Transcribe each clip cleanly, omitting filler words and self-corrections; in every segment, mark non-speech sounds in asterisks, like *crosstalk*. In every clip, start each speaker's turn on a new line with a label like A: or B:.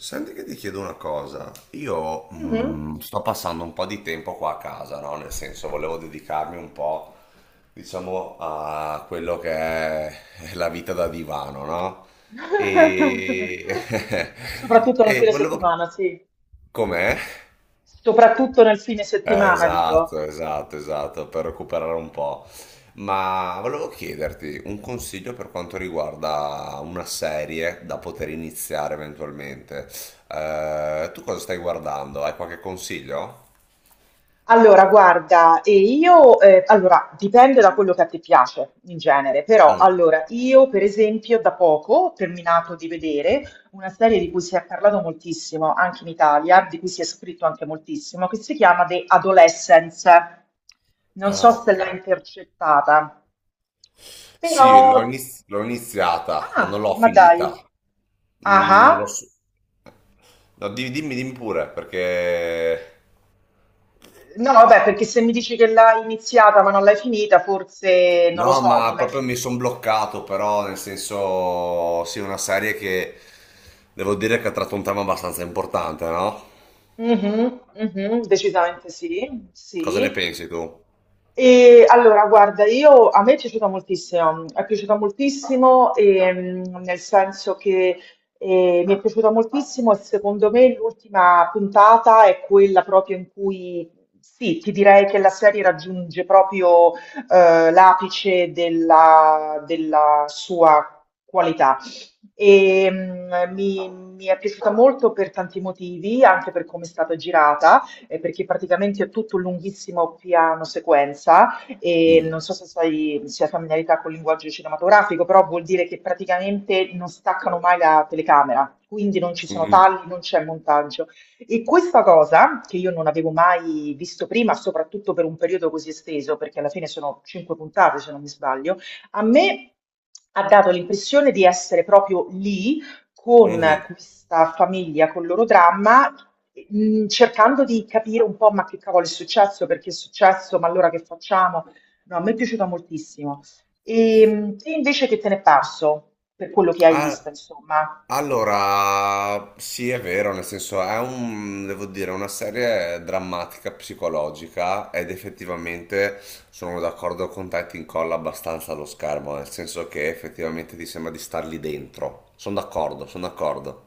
A: Senti che ti chiedo una cosa, io
B: Mh-mh.
A: sto passando un po' di tempo qua a casa, no? Nel senso volevo dedicarmi un po', diciamo, a quello che è la vita da divano, no? E,
B: *laughs*
A: *laughs*
B: Soprattutto nel
A: e
B: fine
A: volevo...
B: settimana, sì.
A: Com'è?
B: Soprattutto nel fine settimana, dico.
A: Esatto, esatto, esatto, per recuperare un po'. Ma volevo chiederti un consiglio per quanto riguarda una serie da poter iniziare eventualmente. Tu cosa stai guardando? Hai qualche consiglio?
B: Allora guarda, e io allora dipende da quello che a te piace in genere, però
A: Mm.
B: allora io per esempio da poco ho terminato di vedere una serie di cui si è parlato moltissimo anche in Italia, di cui si è scritto anche moltissimo, che si chiama The Adolescence. Non so
A: Ah,
B: se
A: ok.
B: l'hai intercettata. Però.
A: Sì, l'ho iniziata, ma non
B: Ah,
A: l'ho
B: ma dai.
A: finita.
B: Ah,
A: L'ho
B: ah.
A: su- No, dimmi, dimmi pure, perché.
B: No, vabbè, perché se mi dici che l'hai iniziata ma non l'hai finita, forse non lo
A: No,
B: so, non
A: ma
B: l'hai
A: proprio
B: finita.
A: mi sono bloccato, però nel senso, sì, una serie che devo dire che ha tratto un tema abbastanza importante, no?
B: Mhm, mhm, decisamente sì,
A: Cosa ne
B: sì.
A: pensi tu?
B: E allora, guarda, io, a me è piaciuta moltissimo nel senso che mi è piaciuta moltissimo e secondo me l'ultima puntata è quella proprio in cui, sì, ti direi che la serie raggiunge proprio l'apice della sua qualità. E, mi è piaciuta molto per tanti motivi, anche per come è stata girata perché praticamente è tutto un lunghissimo piano sequenza e
A: Mm,
B: non so se sai, se hai familiarità col linguaggio cinematografico, però vuol dire che praticamente non staccano mai la telecamera, quindi non ci sono
A: mm,
B: tagli, non c'è montaggio. E questa cosa, che io non avevo mai visto prima, soprattutto per un periodo così esteso, perché alla fine sono cinque puntate, se non mi sbaglio, a me ha dato l'impressione di essere proprio lì con
A: mhm.
B: questa famiglia, con il loro dramma cercando di capire un po', ma che cavolo è successo, perché è successo, ma allora che facciamo? No, mi è piaciuta moltissimo. E, te invece che te ne è parso, per quello che hai
A: Eh,
B: visto, insomma?
A: Allora, sì, è vero, nel senso è un, devo dire, una serie drammatica, psicologica ed effettivamente sono d'accordo con te, ti incolla abbastanza allo schermo, nel senso che effettivamente ti sembra di star lì dentro. Sono d'accordo, sono d'accordo.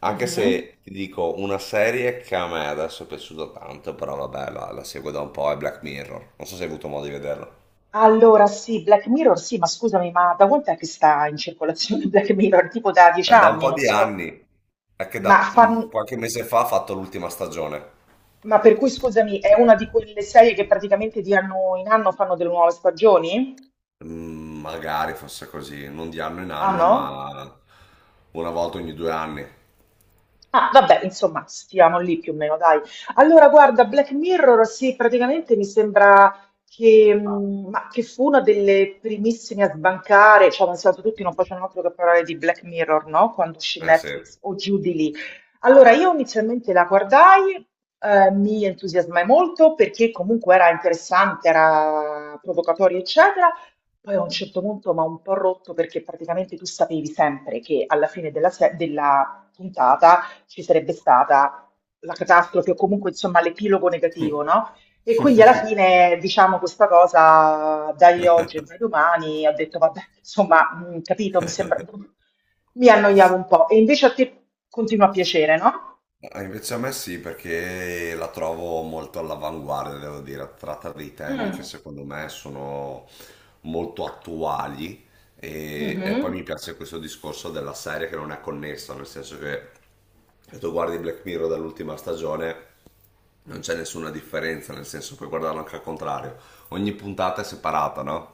A: Anche
B: Mhm.
A: se ti dico una serie che a me adesso è piaciuta tanto, però vabbè, la seguo da un po', è Black Mirror. Non so se hai avuto modo di vederla.
B: Allora, sì, Black Mirror, sì, ma scusami, ma da quant'è che sta in circolazione *laughs* Black Mirror? Tipo da dieci
A: È da un
B: anni,
A: po'
B: non
A: di
B: so,
A: anni, è che
B: ma,
A: da
B: fan-
A: qualche mese fa ha fatto l'ultima stagione.
B: ma per cui, scusami, è una di quelle serie che praticamente di anno in anno fanno delle nuove stagioni?
A: Magari fosse così, non di anno in
B: Ah
A: anno,
B: no?
A: ma una volta ogni 2 anni.
B: Ah, vabbè, insomma, stiamo lì più o meno, dai. Allora, guarda, Black Mirror, sì, praticamente mi sembra che, ma che fu una delle primissime a sbancare, cioè, nel senso, tutti non facevano altro che parlare di Black Mirror, no? Quando uscì
A: Eh sì.
B: Netflix o giù di lì. Allora, io inizialmente la guardai, mi entusiasmai molto perché comunque era interessante, era provocatoria, eccetera. Poi a un certo punto mi ha un po' rotto perché praticamente tu sapevi sempre che alla fine della, se- della puntata ci sarebbe stata la catastrofe o comunque insomma l'epilogo negativo, no? E quindi alla
A: *laughs*
B: fine diciamo questa cosa dai oggi e dai domani, ho detto vabbè, insomma, capito, mi sembra, mi annoiavo un po'. E invece a te continua a piacere, no?
A: Ah, invece a me sì, perché la trovo molto all'avanguardia, devo dire. Tratta dei temi che
B: Mm,
A: secondo me sono molto attuali e poi
B: mhm,
A: mi piace questo discorso della serie che non è connessa, nel senso che se tu guardi Black Mirror dall'ultima stagione non c'è nessuna differenza, nel senso puoi guardarlo anche al contrario. Ogni puntata è separata, no?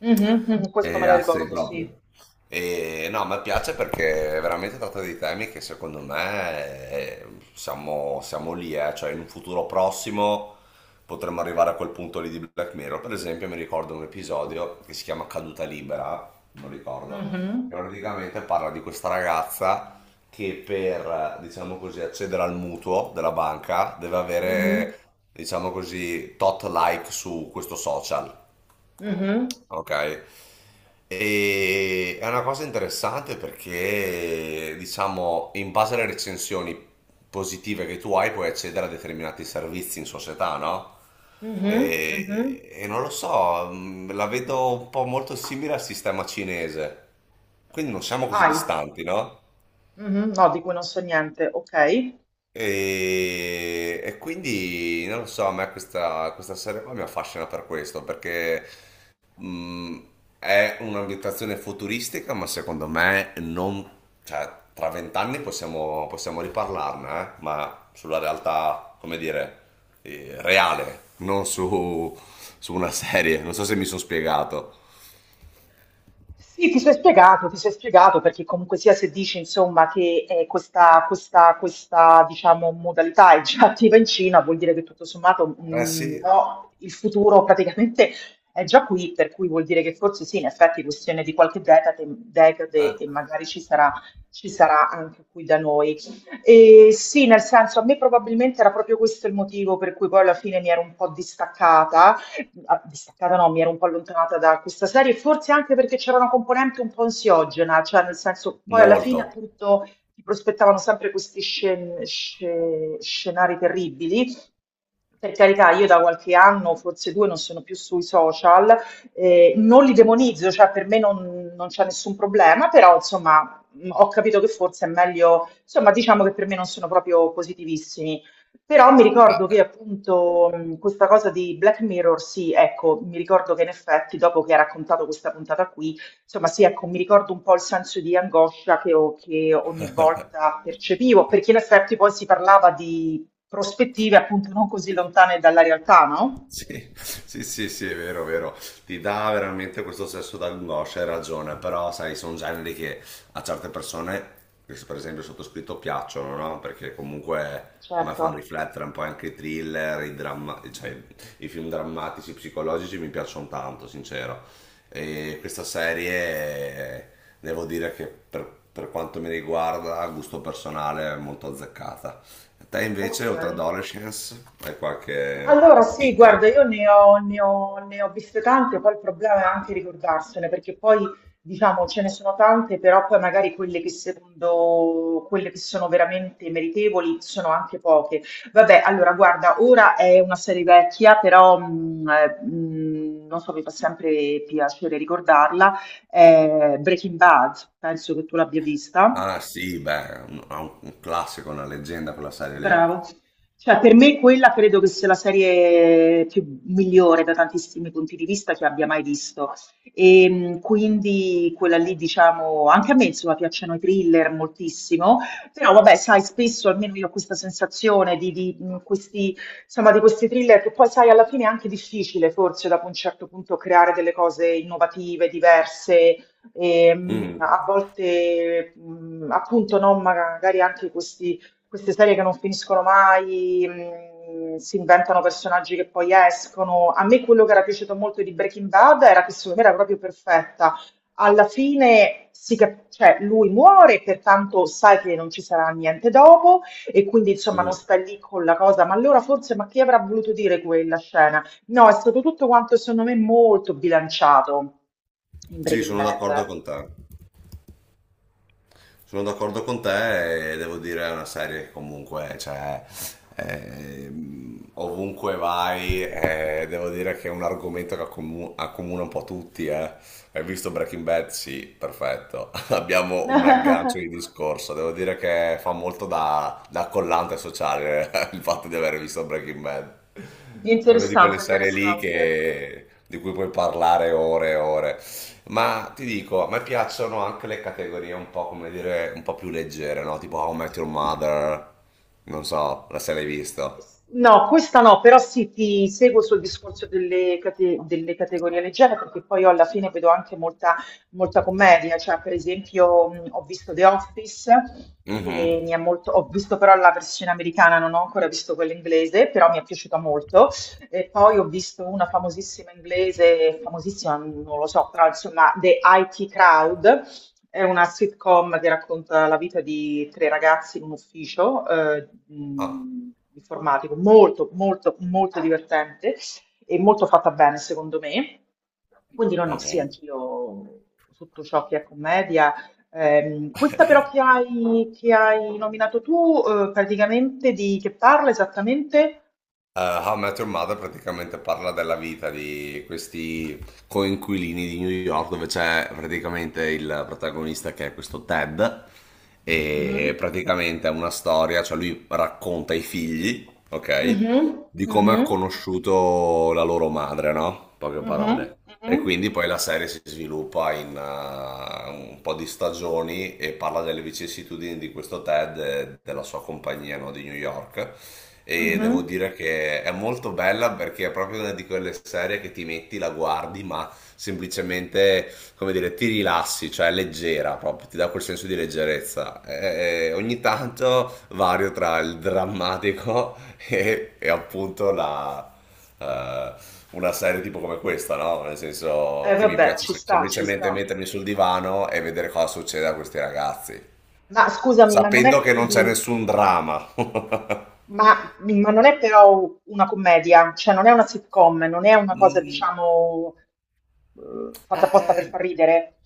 B: mhm, mhm, questo
A: È
B: me lo
A: a sé
B: ricordo, sì.
A: proprio. E no, mi piace perché veramente tratta dei temi che secondo me siamo lì, eh. Cioè in un futuro prossimo potremmo arrivare a quel punto lì di Black Mirror. Per esempio mi ricordo un episodio che si chiama Caduta Libera, non ricordo, che
B: Mhm,
A: praticamente parla di questa ragazza che per, diciamo così, accedere al mutuo della banca deve
B: mhm,
A: avere, diciamo così, tot like su questo social.
B: mhm,
A: Ok. È una cosa interessante perché, diciamo, in base alle recensioni positive che tu hai, puoi accedere a determinati servizi in società, no?
B: mhm, mhm.
A: E non lo so, la vedo un po' molto simile al sistema cinese. Quindi non siamo così
B: Ai,
A: distanti, no?
B: mhm, no, di cui non so niente, ok.
A: E quindi non lo so, a me questa, serie qua mi affascina per questo, perché Mm, è un'ambientazione futuristica, ma secondo me non. Cioè, tra vent'anni possiamo riparlarne, eh? Ma sulla realtà, come dire, reale, non su una serie. Non so se mi sono spiegato.
B: Sì, ti sei spiegato perché comunque sia se dici insomma che questa diciamo, modalità è già *laughs* attiva in Cina, vuol dire che tutto sommato
A: Eh sì,
B: no, il futuro praticamente è già qui, per cui vuol dire che forse sì, in effetti è questione di qualche decade e magari ci sarà anche qui da noi. E sì, nel senso, a me probabilmente era proprio questo il motivo per cui poi alla fine mi ero un po' distaccata che ah, distaccata no, mi ero un po' allontanata da questa serie, forse anche perché c'era una componente un po' ansiogena, cioè nel senso, poi alla
A: molto.
B: fine appunto ti prospettavano sempre questi scenari terribili. Per carità, io da qualche anno, forse due, non sono più sui social, non li demonizzo, cioè per me non c'è nessun problema, però insomma ho capito che forse è meglio, insomma diciamo che per me non sono proprio positivissimi. Però mi ricordo che appunto questa cosa di Black Mirror, sì, ecco, mi ricordo che in effetti dopo che ha raccontato questa puntata qui, insomma sì, ecco, mi ricordo un po' il senso di angoscia che ogni volta percepivo, perché in effetti poi si parlava di prospettive appunto non così lontane dalla realtà, no?
A: Sì, sì, sì, sì, è vero, vero. Ti dà veramente questo senso d'angoscia, hai ragione, però sai, sono generi che a certe persone, che per esempio il sottoscritto, piacciono, no? Perché comunque a me fanno
B: Certo.
A: riflettere un po' anche i thriller, cioè, i film drammatici, psicologici mi piacciono tanto, sincero. E questa serie, devo dire che per quanto mi riguarda, a gusto personale, è molto azzeccata. Te
B: Ok.
A: invece, oltre ad Adolescence, hai qualche
B: Allora sì, guarda,
A: chicca?
B: io ne ho viste tante, poi il problema è anche ricordarsene, perché poi diciamo ce ne sono tante, però poi magari quelle che secondo quelle che sono veramente meritevoli sono anche poche. Vabbè, allora guarda, ora è una serie vecchia, però non so, mi fa sempre piacere ricordarla, è Breaking Bad, penso che tu l'abbia vista.
A: Ah sì, beh, un classico, una leggenda quella serie
B: Bravo. Cioè, per me quella credo che sia la serie più migliore da tantissimi punti di vista che abbia mai visto. E quindi quella lì, diciamo, anche a me insomma piacciono i thriller moltissimo, però vabbè, sai, spesso almeno io ho questa sensazione di questi, insomma, di questi thriller che poi sai, alla fine è anche difficile forse dopo un certo punto creare delle cose innovative, diverse e,
A: lì. Mm,
B: a volte appunto no, magari anche questi queste serie che non finiscono mai, si inventano personaggi che poi escono. A me quello che era piaciuto molto di Breaking Bad era che secondo me era proprio perfetta. Alla fine cioè, lui muore, pertanto sai che non ci sarà niente dopo e quindi insomma non
A: mm.
B: sta lì con la cosa, ma allora forse ma chi avrà voluto dire quella scena? No, è stato tutto quanto secondo me molto bilanciato in
A: Sì,
B: Breaking
A: sono d'accordo
B: Bad.
A: con te. Sono d'accordo con te e devo dire è una serie che comunque cioè, eh, ovunque vai devo dire che è un argomento che accomuna un po' tutti. Hai visto Breaking Bad? Sì, perfetto. *laughs* Abbiamo un aggancio di
B: *laughs*
A: discorso. Devo dire che fa molto da collante sociale *laughs* il fatto di aver visto Breaking Bad. È una di quelle
B: Interessante,
A: serie lì
B: interessante.
A: di cui puoi parlare ore e ore. Ma ti dico, a me piacciono anche le categorie un po', come dire, un po' più leggere, no? Tipo How I Met Your Mother, non so, la se l'hai visto.
B: No, questa no, però sì, ti seguo sul discorso delle categorie leggere perché poi io alla fine vedo anche molta, molta commedia, cioè per esempio ho visto The Office, che mi
A: Mhm.
B: è molto, ho visto però la versione americana, non ho ancora visto quella inglese, però mi è piaciuta molto, e poi ho visto una famosissima inglese, famosissima non lo so, però insomma The IT Crowd, è una sitcom che racconta la vita di tre ragazzi in un ufficio
A: Ah,
B: informatico, molto, molto, molto divertente e molto fatta bene, secondo me. Quindi no, no, sì,
A: mhm.
B: anch'io tutto ciò che è commedia. Questa però che hai, nominato tu, praticamente di che parla esattamente?
A: How I Met Your Mother praticamente parla della vita di questi coinquilini di New York, dove c'è praticamente il protagonista che è questo Ted, e
B: Mhm.
A: praticamente è una storia, cioè lui racconta ai figli, ok?
B: Mhm,
A: Di come
B: mhm,
A: ha conosciuto la loro madre, no? In poche
B: mhm,
A: parole. E
B: mhm,
A: quindi poi la serie si sviluppa in un po' di stagioni e parla delle vicissitudini di questo Ted e della sua compagnia, no, di New York. E devo
B: mhm.
A: dire che è molto bella perché è proprio una di quelle serie che ti metti, la guardi, ma semplicemente, come dire, ti rilassi, cioè è leggera proprio, ti dà quel senso di leggerezza. E ogni tanto vario tra il drammatico *laughs* e appunto la eh, una serie tipo come questa, no? Nel senso che mi
B: Vabbè,
A: piace
B: ci
A: sem-
B: sta, ci
A: semplicemente
B: sta.
A: mettermi sul divano e vedere cosa succede a questi ragazzi,
B: Ma scusami, ma non è
A: sapendo che non c'è
B: quindi,
A: nessun dramma. *laughs*
B: ma non è però una commedia, cioè non è una sitcom, non è una cosa,
A: Mm,
B: diciamo, fatta apposta per
A: eh,
B: far ridere.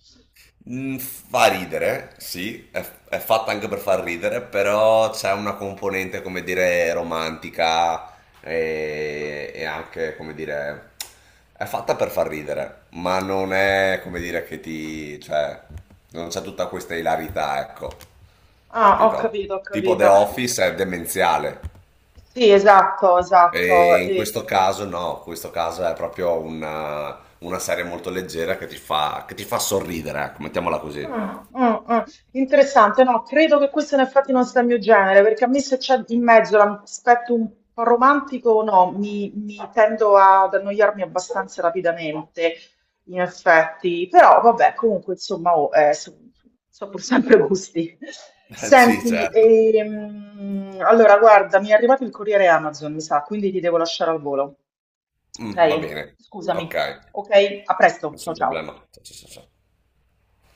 A: Fa ridere, sì, è fatta anche per far ridere, però c'è una componente, come dire, romantica e anche, come dire, è fatta per far ridere, ma non è, come dire, cioè, non c'è tutta questa ilarità, ecco,
B: Ah, ho
A: capito?
B: capito, ho
A: Tipo The
B: capito.
A: Office è demenziale
B: Sì, esatto, esatto.
A: e in questo caso no, in questo caso è proprio una, serie molto leggera che ti fa sorridere, ecco, mettiamola così.
B: Ah, ah, ah. Interessante, no, credo che questo in effetti non sia il mio genere, perché a me se c'è in mezzo l'aspetto un po' romantico, no, mi tendo ad annoiarmi abbastanza rapidamente, in effetti, però vabbè, comunque insomma, oh, so pur sempre *laughs* gusti.
A: *laughs* Sì,
B: Senti,
A: certo.
B: allora guarda, mi è arrivato il corriere Amazon, mi sa, quindi ti devo lasciare al volo,
A: Mm, va
B: ok?
A: bene. Ok,
B: Scusami, ok? A presto, ciao
A: nessun
B: ciao.
A: problema. Sì, sì, sì, sì.